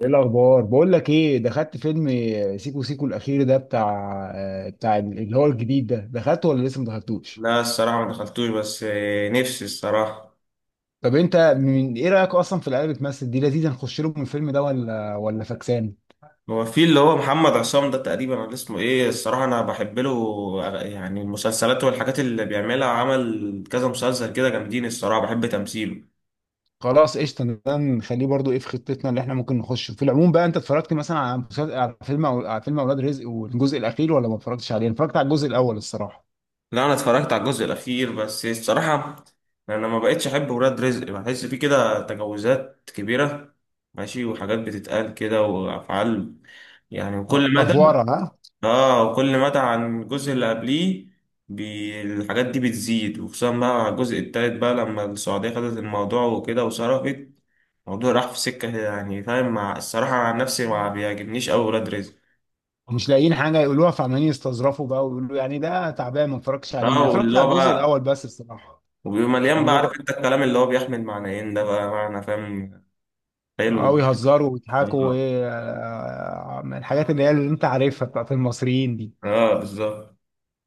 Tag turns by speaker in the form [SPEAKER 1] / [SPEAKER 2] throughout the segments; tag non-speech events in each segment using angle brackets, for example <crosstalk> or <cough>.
[SPEAKER 1] ايه الاخبار بقول لك ايه دخلت فيلم سيكو سيكو الاخير ده بتاع. بتاع اللي هو الجديد ده، دخلته ولا لسه ما دخلتوش؟
[SPEAKER 2] لا، الصراحة ما دخلتوش، بس نفسي الصراحة.
[SPEAKER 1] طب انت من ايه رايك اصلا في العيال اللي بتمثل دي؟ لذيذه نخش لهم من الفيلم ده ولا فكسان؟
[SPEAKER 2] هو في اللي هو محمد عصام ده تقريبا، ولا اسمه ايه؟ الصراحة انا بحب له يعني المسلسلات والحاجات اللي بيعملها، عمل كذا مسلسل كده جامدين، الصراحة بحب تمثيله.
[SPEAKER 1] خلاص قشطه، ده نخليه برضو. ايه في خطتنا اللي احنا ممكن نخشه في العموم؟ بقى انت اتفرجت مثلا على مسلسل، على فيلم على فيلم اولاد رزق والجزء الاخير، ولا ما اتفرجتش عليه؟ أنا اتفرجت على الجزء الاول الصراحه.
[SPEAKER 2] لا، انا اتفرجت على الجزء الاخير بس الصراحة. انا ما بقتش احب ولاد رزق، بحس فيه كده تجاوزات كبيرة. ماشي، وحاجات بتتقال كده وافعال يعني، وكل مدى.
[SPEAKER 1] افوره ها.
[SPEAKER 2] اه، كل مدى عن الجزء اللي قبليه. الحاجات دي بتزيد، وخصوصا بقى مع الجزء التالت، بقى لما السعودية خدت الموضوع وكده وصرفت. الموضوع راح في سكة، يعني فاهم، مع الصراحة عن نفسي ما بيعجبنيش أوي ولاد رزق.
[SPEAKER 1] مش لاقيين حاجه يقولوها، فعمالين يستظرفوا بقى ويقولوا يعني ده تعبان. ما اتفرجتش عليه،
[SPEAKER 2] بقى
[SPEAKER 1] ما اتفرجت
[SPEAKER 2] واللي
[SPEAKER 1] على
[SPEAKER 2] هو
[SPEAKER 1] الجزء
[SPEAKER 2] بقى،
[SPEAKER 1] الاول بس الصراحه،
[SPEAKER 2] وبيبقى مليان بقى، عارف
[SPEAKER 1] اللغة.
[SPEAKER 2] انت الكلام اللي هو بيحمل معنيين ده بقى معنى، فاهم. حلو.
[SPEAKER 1] أو يهزروا ويضحكوا
[SPEAKER 2] اه،
[SPEAKER 1] وإيه، من الحاجات اللي هي اللي أنت عارفها بتاعت المصريين دي.
[SPEAKER 2] آه، بالظبط.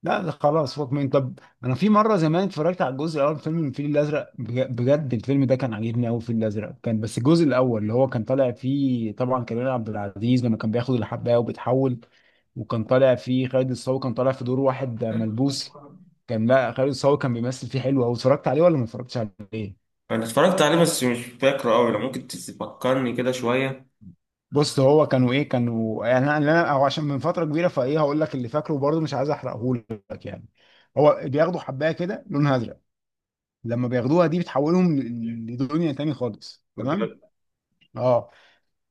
[SPEAKER 1] لا ده خلاص فوق من، طب أنا في مرة زمان اتفرجت على الجزء الأول من فيلم الفيل الأزرق، بجد الفيلم ده كان عاجبني أوي، الفيل الأزرق كان، بس الجزء الأول اللي هو كان طالع فيه طبعا كريم عبد العزيز لما كان بياخد الحباية وبيتحول. وكان طالع فيه خالد الصاوي، كان طالع في دور واحد ملبوس. كان، لا خالد الصاوي كان بيمثل فيه حلو أوي. اتفرجت عليه ولا ما اتفرجتش عليه؟
[SPEAKER 2] انا اتفرجت عليه، بس مش فاكره أوي، لو ممكن تفكرني كده شوية.
[SPEAKER 1] بص هو كانوا ايه، كانوا يعني، او عشان من فتره كبيره، فايه هقول لك اللي فاكره برضه، مش عايز احرقه لك يعني. هو بياخدوا حبايه كده لونها ازرق. لما بياخدوها دي بتحولهم لدنيا تاني خالص، تمام.
[SPEAKER 2] بجد.
[SPEAKER 1] اه.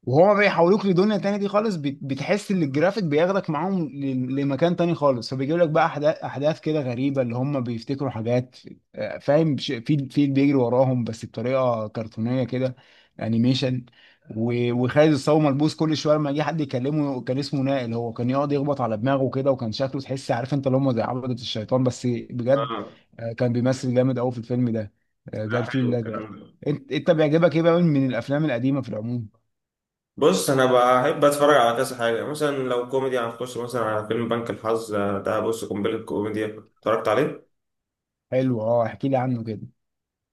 [SPEAKER 1] وهو بيحولوك لدنيا تانية دي خالص، بتحس ان الجرافيك بياخدك معاهم لمكان تاني خالص، فبيجيب لك بقى احداث كده غريبة، اللي هم بيفتكروا حاجات. فاهم، في بيجري وراهم بس بطريقة كرتونية كده، انيميشن. وخالد الصاوي ملبوس كل شوية، لما يجي حد يكلمه كان اسمه نائل، هو كان يقعد يخبط على دماغه كده، وكان شكله تحس عارف انت اللي هم زي عبدة الشيطان، بس بجد.
[SPEAKER 2] اه.
[SPEAKER 1] كان بيمثل جامد قوي في الفيلم ده. ده
[SPEAKER 2] لا،
[SPEAKER 1] الفيل
[SPEAKER 2] حلو
[SPEAKER 1] الازرق.
[SPEAKER 2] الكلام ده.
[SPEAKER 1] انت بيعجبك ايه بقى من الافلام القديمة في العموم؟
[SPEAKER 2] بص، انا بحب اتفرج على كذا حاجه، مثلا لو كوميدي هنخش مثلا على فيلم بنك الحظ. ده بص قنبله كوميديا، اتفرجت عليه.
[SPEAKER 1] حلو، اه احكي لي عنه كده.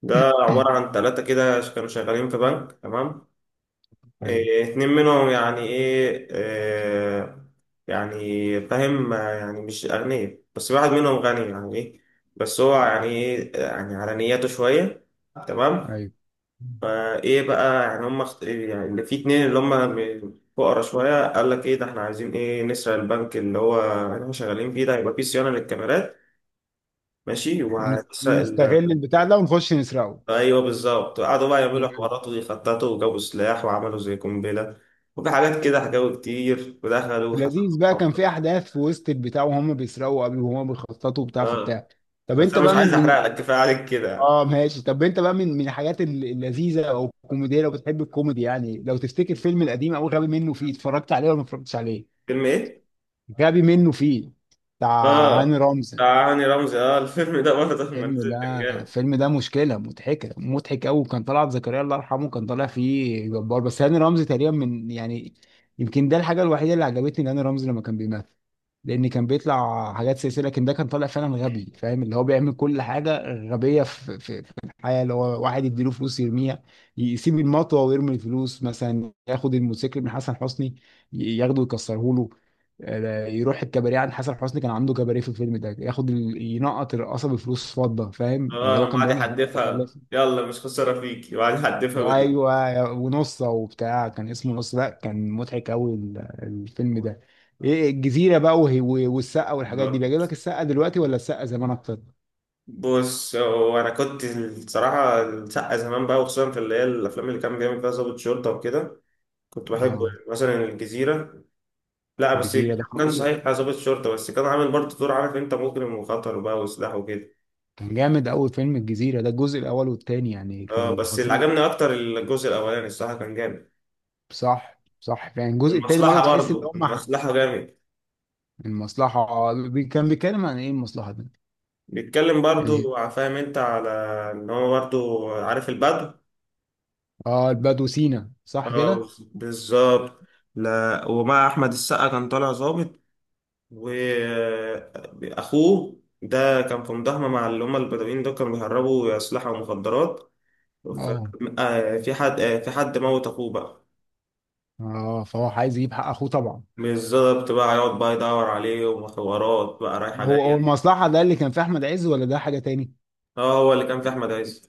[SPEAKER 2] ده عباره عن ثلاثه كده، كانوا شغالين في بنك، تمام.
[SPEAKER 1] ايوه.
[SPEAKER 2] إيه، اتنين منهم يعني ايه، إيه. يعني فاهم، يعني مش اغنياء، بس واحد منهم غني، يعني ايه. بس هو يعني ايه، يعني على نياته شويه. تمام.
[SPEAKER 1] ايوه
[SPEAKER 2] فايه بقى، يعني هم يعني اللي في اتنين اللي هم، فقرا شويه، قال لك ايه ده، احنا عايزين ايه، نسرق البنك اللي هو احنا شغالين فيه، ده هيبقى فيه صيانه للكاميرات، ماشي، وهنسرق
[SPEAKER 1] ونستغل
[SPEAKER 2] ال...
[SPEAKER 1] البتاع ده ونخش نسرقه،
[SPEAKER 2] ايوه، بالظبط. قعدوا بقى يعملوا
[SPEAKER 1] تمام.
[SPEAKER 2] حوارات، ويخططوا، وجابوا سلاح، وعملوا زي قنبله. وفي حاجات كده حكاوي كتير، ودخلوا وحصلوا
[SPEAKER 1] لذيذ بقى، كان
[SPEAKER 2] محاولات.
[SPEAKER 1] في احداث في وسط البتاع وهم بيسرقوا، قبل وهم بيخططوا وبتاع في
[SPEAKER 2] اه،
[SPEAKER 1] بتاع. طب
[SPEAKER 2] بس
[SPEAKER 1] انت
[SPEAKER 2] انا مش
[SPEAKER 1] بقى من
[SPEAKER 2] عايز
[SPEAKER 1] من
[SPEAKER 2] احرق لك، كفايه عليك كده.
[SPEAKER 1] اه ماشي، طب انت بقى من الحاجات اللذيذه او الكوميديه، لو بتحب الكوميدي يعني، لو تفتكر فيلم القديم او غبي منه فيه، اتفرجت عليه ولا ما اتفرجتش عليه؟
[SPEAKER 2] فيلم ايه؟
[SPEAKER 1] غبي منه فيه، بتاع
[SPEAKER 2] اه،
[SPEAKER 1] هاني رمزي.
[SPEAKER 2] بتاع هاني رمزي. اه، الفيلم ده برضه <laughs> لما
[SPEAKER 1] الفيلم
[SPEAKER 2] نزل كان
[SPEAKER 1] ده
[SPEAKER 2] جامد.
[SPEAKER 1] الفيلم ده مشكلة، مضحكة مضحك أوي. كان طلعت زكريا الله يرحمه كان طالع فيه جبار، بس هاني رمزي تقريبا من يعني، يمكن ده الحاجة الوحيدة اللي عجبتني هاني رمزي لما كان بيمثل، لأن كان بيطلع حاجات سياسية، لكن ده كان طالع فعلا غبي، فاهم اللي هو بيعمل كل حاجة غبية في الحياة، اللي هو واحد يديله فلوس يرميها، يسيب المطوة ويرمي الفلوس، مثلا ياخد الموتوسيكل من حسن حسني ياخده يكسره له. يروح الكباريه عند حسن حسني، كان عنده كباريه في الفيلم ده، ياخد ينقط الرقاصه بفلوس فضه، فاهم اللي
[SPEAKER 2] اه،
[SPEAKER 1] هو
[SPEAKER 2] لما
[SPEAKER 1] كان
[SPEAKER 2] قعد
[SPEAKER 1] بيعمل حاجات
[SPEAKER 2] يحدفها،
[SPEAKER 1] متخلفه.
[SPEAKER 2] يلا مش خسارة فيكي، وقعد يحدفها بال.
[SPEAKER 1] ايوه، ونصه وبتاع كان اسمه نص، لا كان مضحك قوي الفيلم ده. ايه الجزيره بقى والسقه والحاجات دي،
[SPEAKER 2] آه.
[SPEAKER 1] بيعجبك السقه دلوقتي ولا السقه زمان اكتر؟
[SPEAKER 2] بص، هو انا كنت الصراحة السقا زمان بقى، وخصوصا في اللي هي الافلام اللي كان بيعمل فيها ضابط شرطة وكده. كنت بحبه
[SPEAKER 1] اه
[SPEAKER 2] يعني. مثلا الجزيرة. لا بس.
[SPEAKER 1] الجزيره ده
[SPEAKER 2] كان
[SPEAKER 1] خطير.
[SPEAKER 2] صحيح ضابط شرطة، بس كان عامل برضه دور، عارف انت، مجرم وخطر بقى، وسلاح وكده.
[SPEAKER 1] كان جامد قوي فيلم الجزيره ده، الجزء الاول والتاني يعني
[SPEAKER 2] اه،
[SPEAKER 1] كان
[SPEAKER 2] بس اللي
[SPEAKER 1] خطير.
[SPEAKER 2] عجبني اكتر الجزء الاولاني، الصراحة كان جامد.
[SPEAKER 1] صح صح، يعني الجزء التاني برضه
[SPEAKER 2] والمصلحة
[SPEAKER 1] تحس ان
[SPEAKER 2] برضه،
[SPEAKER 1] هم.
[SPEAKER 2] المصلحة جامد.
[SPEAKER 1] المصلحه، كان بيتكلم عن ايه المصلحه ده؟
[SPEAKER 2] بيتكلم
[SPEAKER 1] يعني.
[SPEAKER 2] برضه، فاهم انت، على ان هو برضه عارف البدو.
[SPEAKER 1] اه البدو سينا، صح كده.
[SPEAKER 2] اه، بالظبط. لا، ومع احمد السقا كان طالع ظابط. واخوه ده كان في مداهمه مع اللي هم البدوين دول، كانوا بيهربوا اسلحه ومخدرات. ف...
[SPEAKER 1] اه.
[SPEAKER 2] في حد في حد موت اخوه بقى.
[SPEAKER 1] اه فهو عايز يجيب حق اخوه طبعا.
[SPEAKER 2] بالظبط، بقى يقعد بقى يدور عليه، وحوارات بقى رايحه
[SPEAKER 1] هو
[SPEAKER 2] جايه.
[SPEAKER 1] المصلحه ده اللي كان في احمد عز، ولا ده حاجه تاني؟
[SPEAKER 2] اه، هو اللي كان في احمد عز.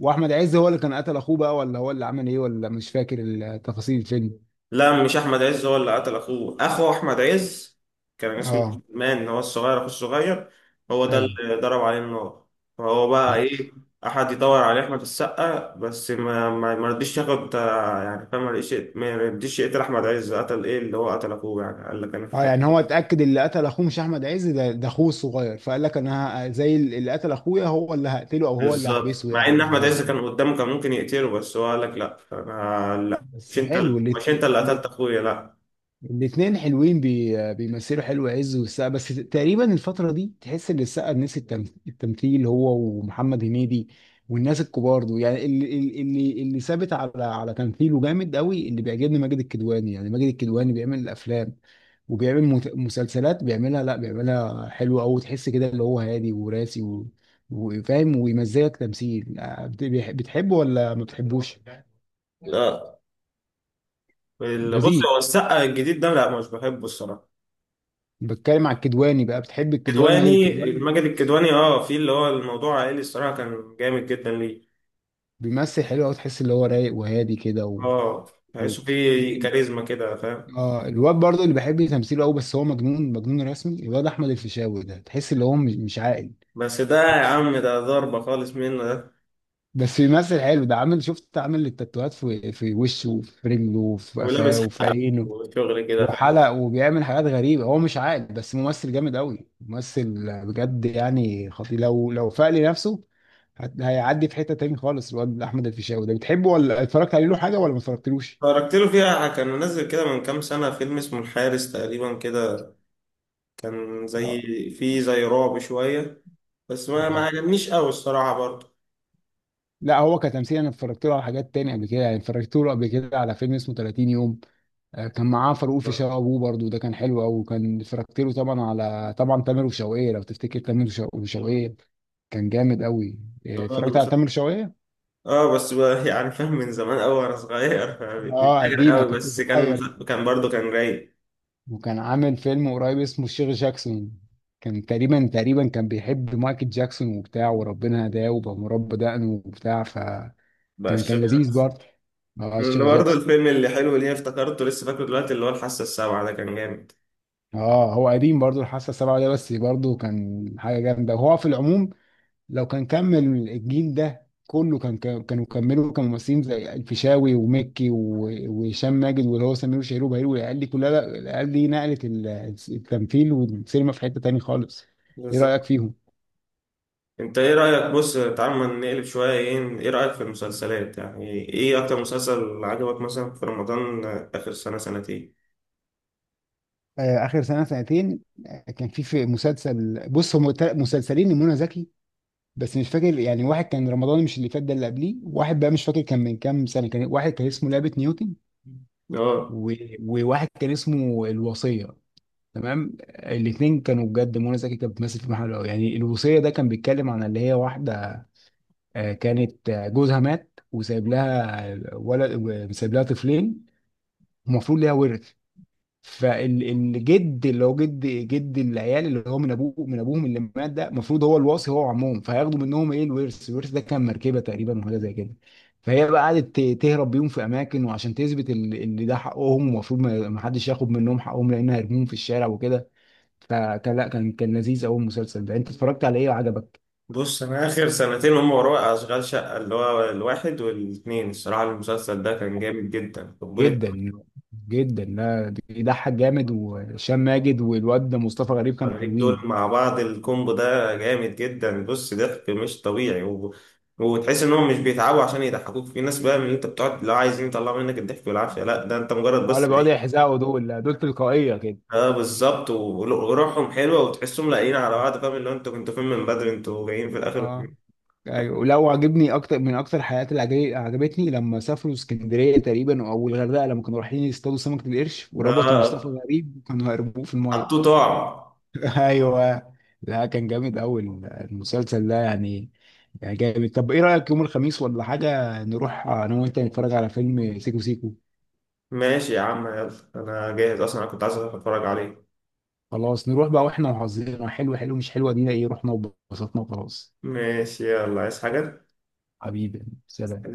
[SPEAKER 1] واحمد عز هو اللي كان قتل اخوه بقى، ولا هو اللي عمل ايه، ولا مش فاكر تفاصيل الفيلم.
[SPEAKER 2] لا، مش احمد عز هو اللي قتل اخوه، اخو احمد عز كان اسمه
[SPEAKER 1] اه.
[SPEAKER 2] عثمان، هو الصغير، اخو الصغير. هو ده
[SPEAKER 1] ايوه،
[SPEAKER 2] اللي ضرب عليه النار. فهو بقى
[SPEAKER 1] عارف.
[SPEAKER 2] ايه، احد يدور على احمد السقا، بس ما رضيش ياخد، يعني فاهم، ما رضيش يقتل احمد عز. قتل ايه اللي هو قتل اخوه، يعني قال لك انا
[SPEAKER 1] اه
[SPEAKER 2] قتلت.
[SPEAKER 1] يعني هو اتاكد اللي قتل اخوه مش احمد عز، ده اخوه الصغير، فقال لك انا زي اللي قتل اخويا، هو اللي هقتله او هو اللي
[SPEAKER 2] بالظبط،
[SPEAKER 1] هحبسه
[SPEAKER 2] مع
[SPEAKER 1] يعني،
[SPEAKER 2] ان احمد عز
[SPEAKER 1] بالظبط.
[SPEAKER 2] كان قدامه كان ممكن يقتله، بس هو قال لك لا، انا مش
[SPEAKER 1] بس
[SPEAKER 2] انت،
[SPEAKER 1] حلو
[SPEAKER 2] مش انت
[SPEAKER 1] الاثنين.
[SPEAKER 2] اللي قتلت اخويا، لا.
[SPEAKER 1] الاتنين حلوين، بيمثلوا حلو عز والسقا، بس تقريبا الفترة دي تحس ان السقا نسي التمثيل، هو ومحمد هنيدي والناس الكبار دول. يعني اللي ثابت على تمثيله جامد قوي، اللي بيعجبني ماجد الكدواني، يعني ماجد الكدواني بيعمل الافلام وبيعمل مسلسلات، بيعملها، لا بيعملها حلوة قوي، تحس كده اللي هو هادي وراسي و... وفاهم ويمزجك تمثيل. بتحبه ولا ما بتحبوش؟
[SPEAKER 2] لا، بص،
[SPEAKER 1] لذيذ.
[SPEAKER 2] هو السقا الجديد ده لا، مش بحبه الصراحه.
[SPEAKER 1] بتكلم على الكدواني بقى، بتحب الكدواني ماجد
[SPEAKER 2] كدواني،
[SPEAKER 1] الكدواني؟
[SPEAKER 2] ماجد الكدواني، اه، في اللي هو الموضوع عائلي، الصراحه كان جامد جدا ليه.
[SPEAKER 1] بيمثل حلو قوي، تحس اللي هو رايق وهادي كده و...
[SPEAKER 2] اه،
[SPEAKER 1] <laughs> ال-
[SPEAKER 2] تحسه فيه
[SPEAKER 1] ال-
[SPEAKER 2] كاريزما كده، فاهم.
[SPEAKER 1] اه الواد برضه اللي بحب تمثيله قوي، بس هو مجنون مجنون رسمي الواد احمد الفيشاوي ده، تحس اللي هو مش عاقل.
[SPEAKER 2] بس ده يا عم، ده ضربه خالص منه ده.
[SPEAKER 1] بس بيمثل حلو ده، عامل، شفت عامل التاتوهات في وشه وفي رجله وفي قفاه
[SPEAKER 2] ولابس
[SPEAKER 1] وفي
[SPEAKER 2] حق،
[SPEAKER 1] عينه،
[SPEAKER 2] وشغل كده، فاهم.
[SPEAKER 1] وحلق، وبيعمل حاجات غريبة، هو مش عاقل، بس ممثل جامد قوي، ممثل بجد يعني، خطير لو فاق لنفسه هيعدي في حتة تاني خالص الواد احمد الفيشاوي ده. بتحبه ولا اتفرجت عليه له حاجة، ولا ما اتفرجتلوش؟
[SPEAKER 2] اتفرجت له فيها، كان منزل كده من كام سنه فيلم اسمه الحارس تقريبا كده. كان زي، فيه زي رعب شويه، بس ما
[SPEAKER 1] اه.
[SPEAKER 2] عجبنيش قوي الصراحه برضه.
[SPEAKER 1] لا هو كتمثيل انا اتفرجت له على حاجات تانية قبل كده، يعني اتفرجت له قبل كده على فيلم اسمه 30 يوم. كان معاه فاروق في شقه ابوه، برضه ده كان حلو قوي، وكان، اتفرجت له طبعا على، طبعا تامر وشوقية، لو تفتكر تامر وشوقية، كان جامد قوي.
[SPEAKER 2] اه،
[SPEAKER 1] اتفرجت
[SPEAKER 2] بس
[SPEAKER 1] على تامر وشوقية.
[SPEAKER 2] آه، بس بقى يعني فاهم، من زمان قوي وانا صغير، فمش
[SPEAKER 1] اه
[SPEAKER 2] فاكر
[SPEAKER 1] قديمه،
[SPEAKER 2] قوي،
[SPEAKER 1] كنت
[SPEAKER 2] بس كان،
[SPEAKER 1] صغير.
[SPEAKER 2] كان برضه كان رايق.
[SPEAKER 1] وكان عامل فيلم قريب اسمه الشيخ جاكسون، كان تقريبا كان بيحب مايكل جاكسون وبتاع، وربنا هداه وبقى مربى دقنه وبتاع، فكان،
[SPEAKER 2] بقى
[SPEAKER 1] كان
[SPEAKER 2] الشغل
[SPEAKER 1] لذيذ برضه. اه
[SPEAKER 2] اللي
[SPEAKER 1] الشيخ
[SPEAKER 2] برضه
[SPEAKER 1] جاكسون.
[SPEAKER 2] الفيلم اللي حلو، اللي هي افتكرته لسه، فاكره دلوقتي اللي هو الحاسة السابعة ده كان جامد.
[SPEAKER 1] اه هو قديم برضو الحاسه السابعه ده، بس برضو كان حاجه جامده. وهو في العموم لو كان كمل الجيل ده كله كان، كانوا كملوا كممثلين، زي الفيشاوي ومكي وهشام ماجد واللي هو سمير وشهير وبهير، والعيال دي كلها، لا، العيال دي نقلت التمثيل والسينما في حته تاني خالص. ايه رايك
[SPEAKER 2] بالظبط.
[SPEAKER 1] فيهم؟
[SPEAKER 2] انت ايه رأيك، بص تعال ما نقلب شوية، ايه رأيك في المسلسلات، يعني ايه اكتر مسلسل عجبك مثلا في رمضان، اخر سنة سنتين؟
[SPEAKER 1] آه اخر سنه سنتين. كان في مسلسل، بص هم مسلسلين لمنى زكي، بس مش فاكر يعني، واحد كان رمضان مش اللي فات ده، اللي قبليه، واحد بقى مش فاكر كان من كام سنه، كان واحد كان اسمه لعبه نيوتن
[SPEAKER 2] اه،
[SPEAKER 1] و... وواحد كان اسمه الوصية. تمام الاتنين كانوا بجد، منى زكي كانت بتمثل في محله يعني. الوصية ده كان بيتكلم عن اللي هي واحدة، كانت جوزها مات وسايب لها ولد، سايب لها طفلين، المفروض ليها ورث، فالجد اللي هو جد العيال اللي هو من ابوه، من ابوهم اللي مات ده، المفروض هو الوصي هو وعمهم، فهياخدوا منهم ايه الورث، الورث ده كان مركبه تقريبا وحاجه زي كده، فهي بقى قعدت تهرب بيهم في اماكن، وعشان تثبت اللي ده حقهم، ومفروض ما حدش ياخد منهم حقهم، لان هيرموهم في الشارع وكده، فكان، لا كان، كان لذيذ قوي المسلسل ده. انت اتفرجت على ايه وعجبك؟
[SPEAKER 2] بص، انا اخر سنتين هم وراء اشغال شقة اللي هو الواحد والاتنين، الصراحة المسلسل ده كان جامد جدا قبول.
[SPEAKER 1] جدا جدا، لا بيضحك جامد، وهشام ماجد والواد ده مصطفى غريب كانوا
[SPEAKER 2] المغرب دول
[SPEAKER 1] حلوين.
[SPEAKER 2] مع بعض الكومبو ده جامد جدا، بص ضحك مش طبيعي، و... وتحس انهم مش بيتعبوا عشان يضحكوك، في ناس بقى من اللي انت بتقعد لو عايزين يطلعوا منك الضحك والعافيه، لا ده انت مجرد
[SPEAKER 1] ولا
[SPEAKER 2] بس
[SPEAKER 1] بيقعدوا
[SPEAKER 2] ايه.
[SPEAKER 1] يحزقوا دول، لا، دول تلقائيه كده.
[SPEAKER 2] اه، بالظبط، وروحهم حلوه، وتحسهم لاقيين على بعض، فاهم اللي هو انتوا كنتوا فين من بدري، انتوا جايين في الاخر.
[SPEAKER 1] اه، ايوه. ولو عجبني اكتر، من اكتر الحلقات اللي عجبتني لما سافروا اسكندريه تقريبا او الغردقه، لما كانوا رايحين يصطادوا سمكه القرش وربطوا مصطفى
[SPEAKER 2] اه،
[SPEAKER 1] غريب وكانوا هيربوه في
[SPEAKER 2] حطوه
[SPEAKER 1] الميه.
[SPEAKER 2] طعم.
[SPEAKER 1] <laughs> ايوه. لا كان جامد قوي المسلسل ده يعني، يعني جامد. طب ايه رايك يوم الخميس ولا حاجه نروح انا وانت نتفرج على فيلم سيكو سيكو؟
[SPEAKER 2] ماشي يا عم، يلا. انا جاهز اصلا، انا كنت عايز اتفرج عليه.
[SPEAKER 1] خلاص نروح بقى، واحنا وحظنا حلو، حلو مش حلوه، دينا ايه، رحنا وبسطنا وخلاص.
[SPEAKER 2] ماشي، يلا، عايز حاجه؟
[SPEAKER 1] حبيبي سلام.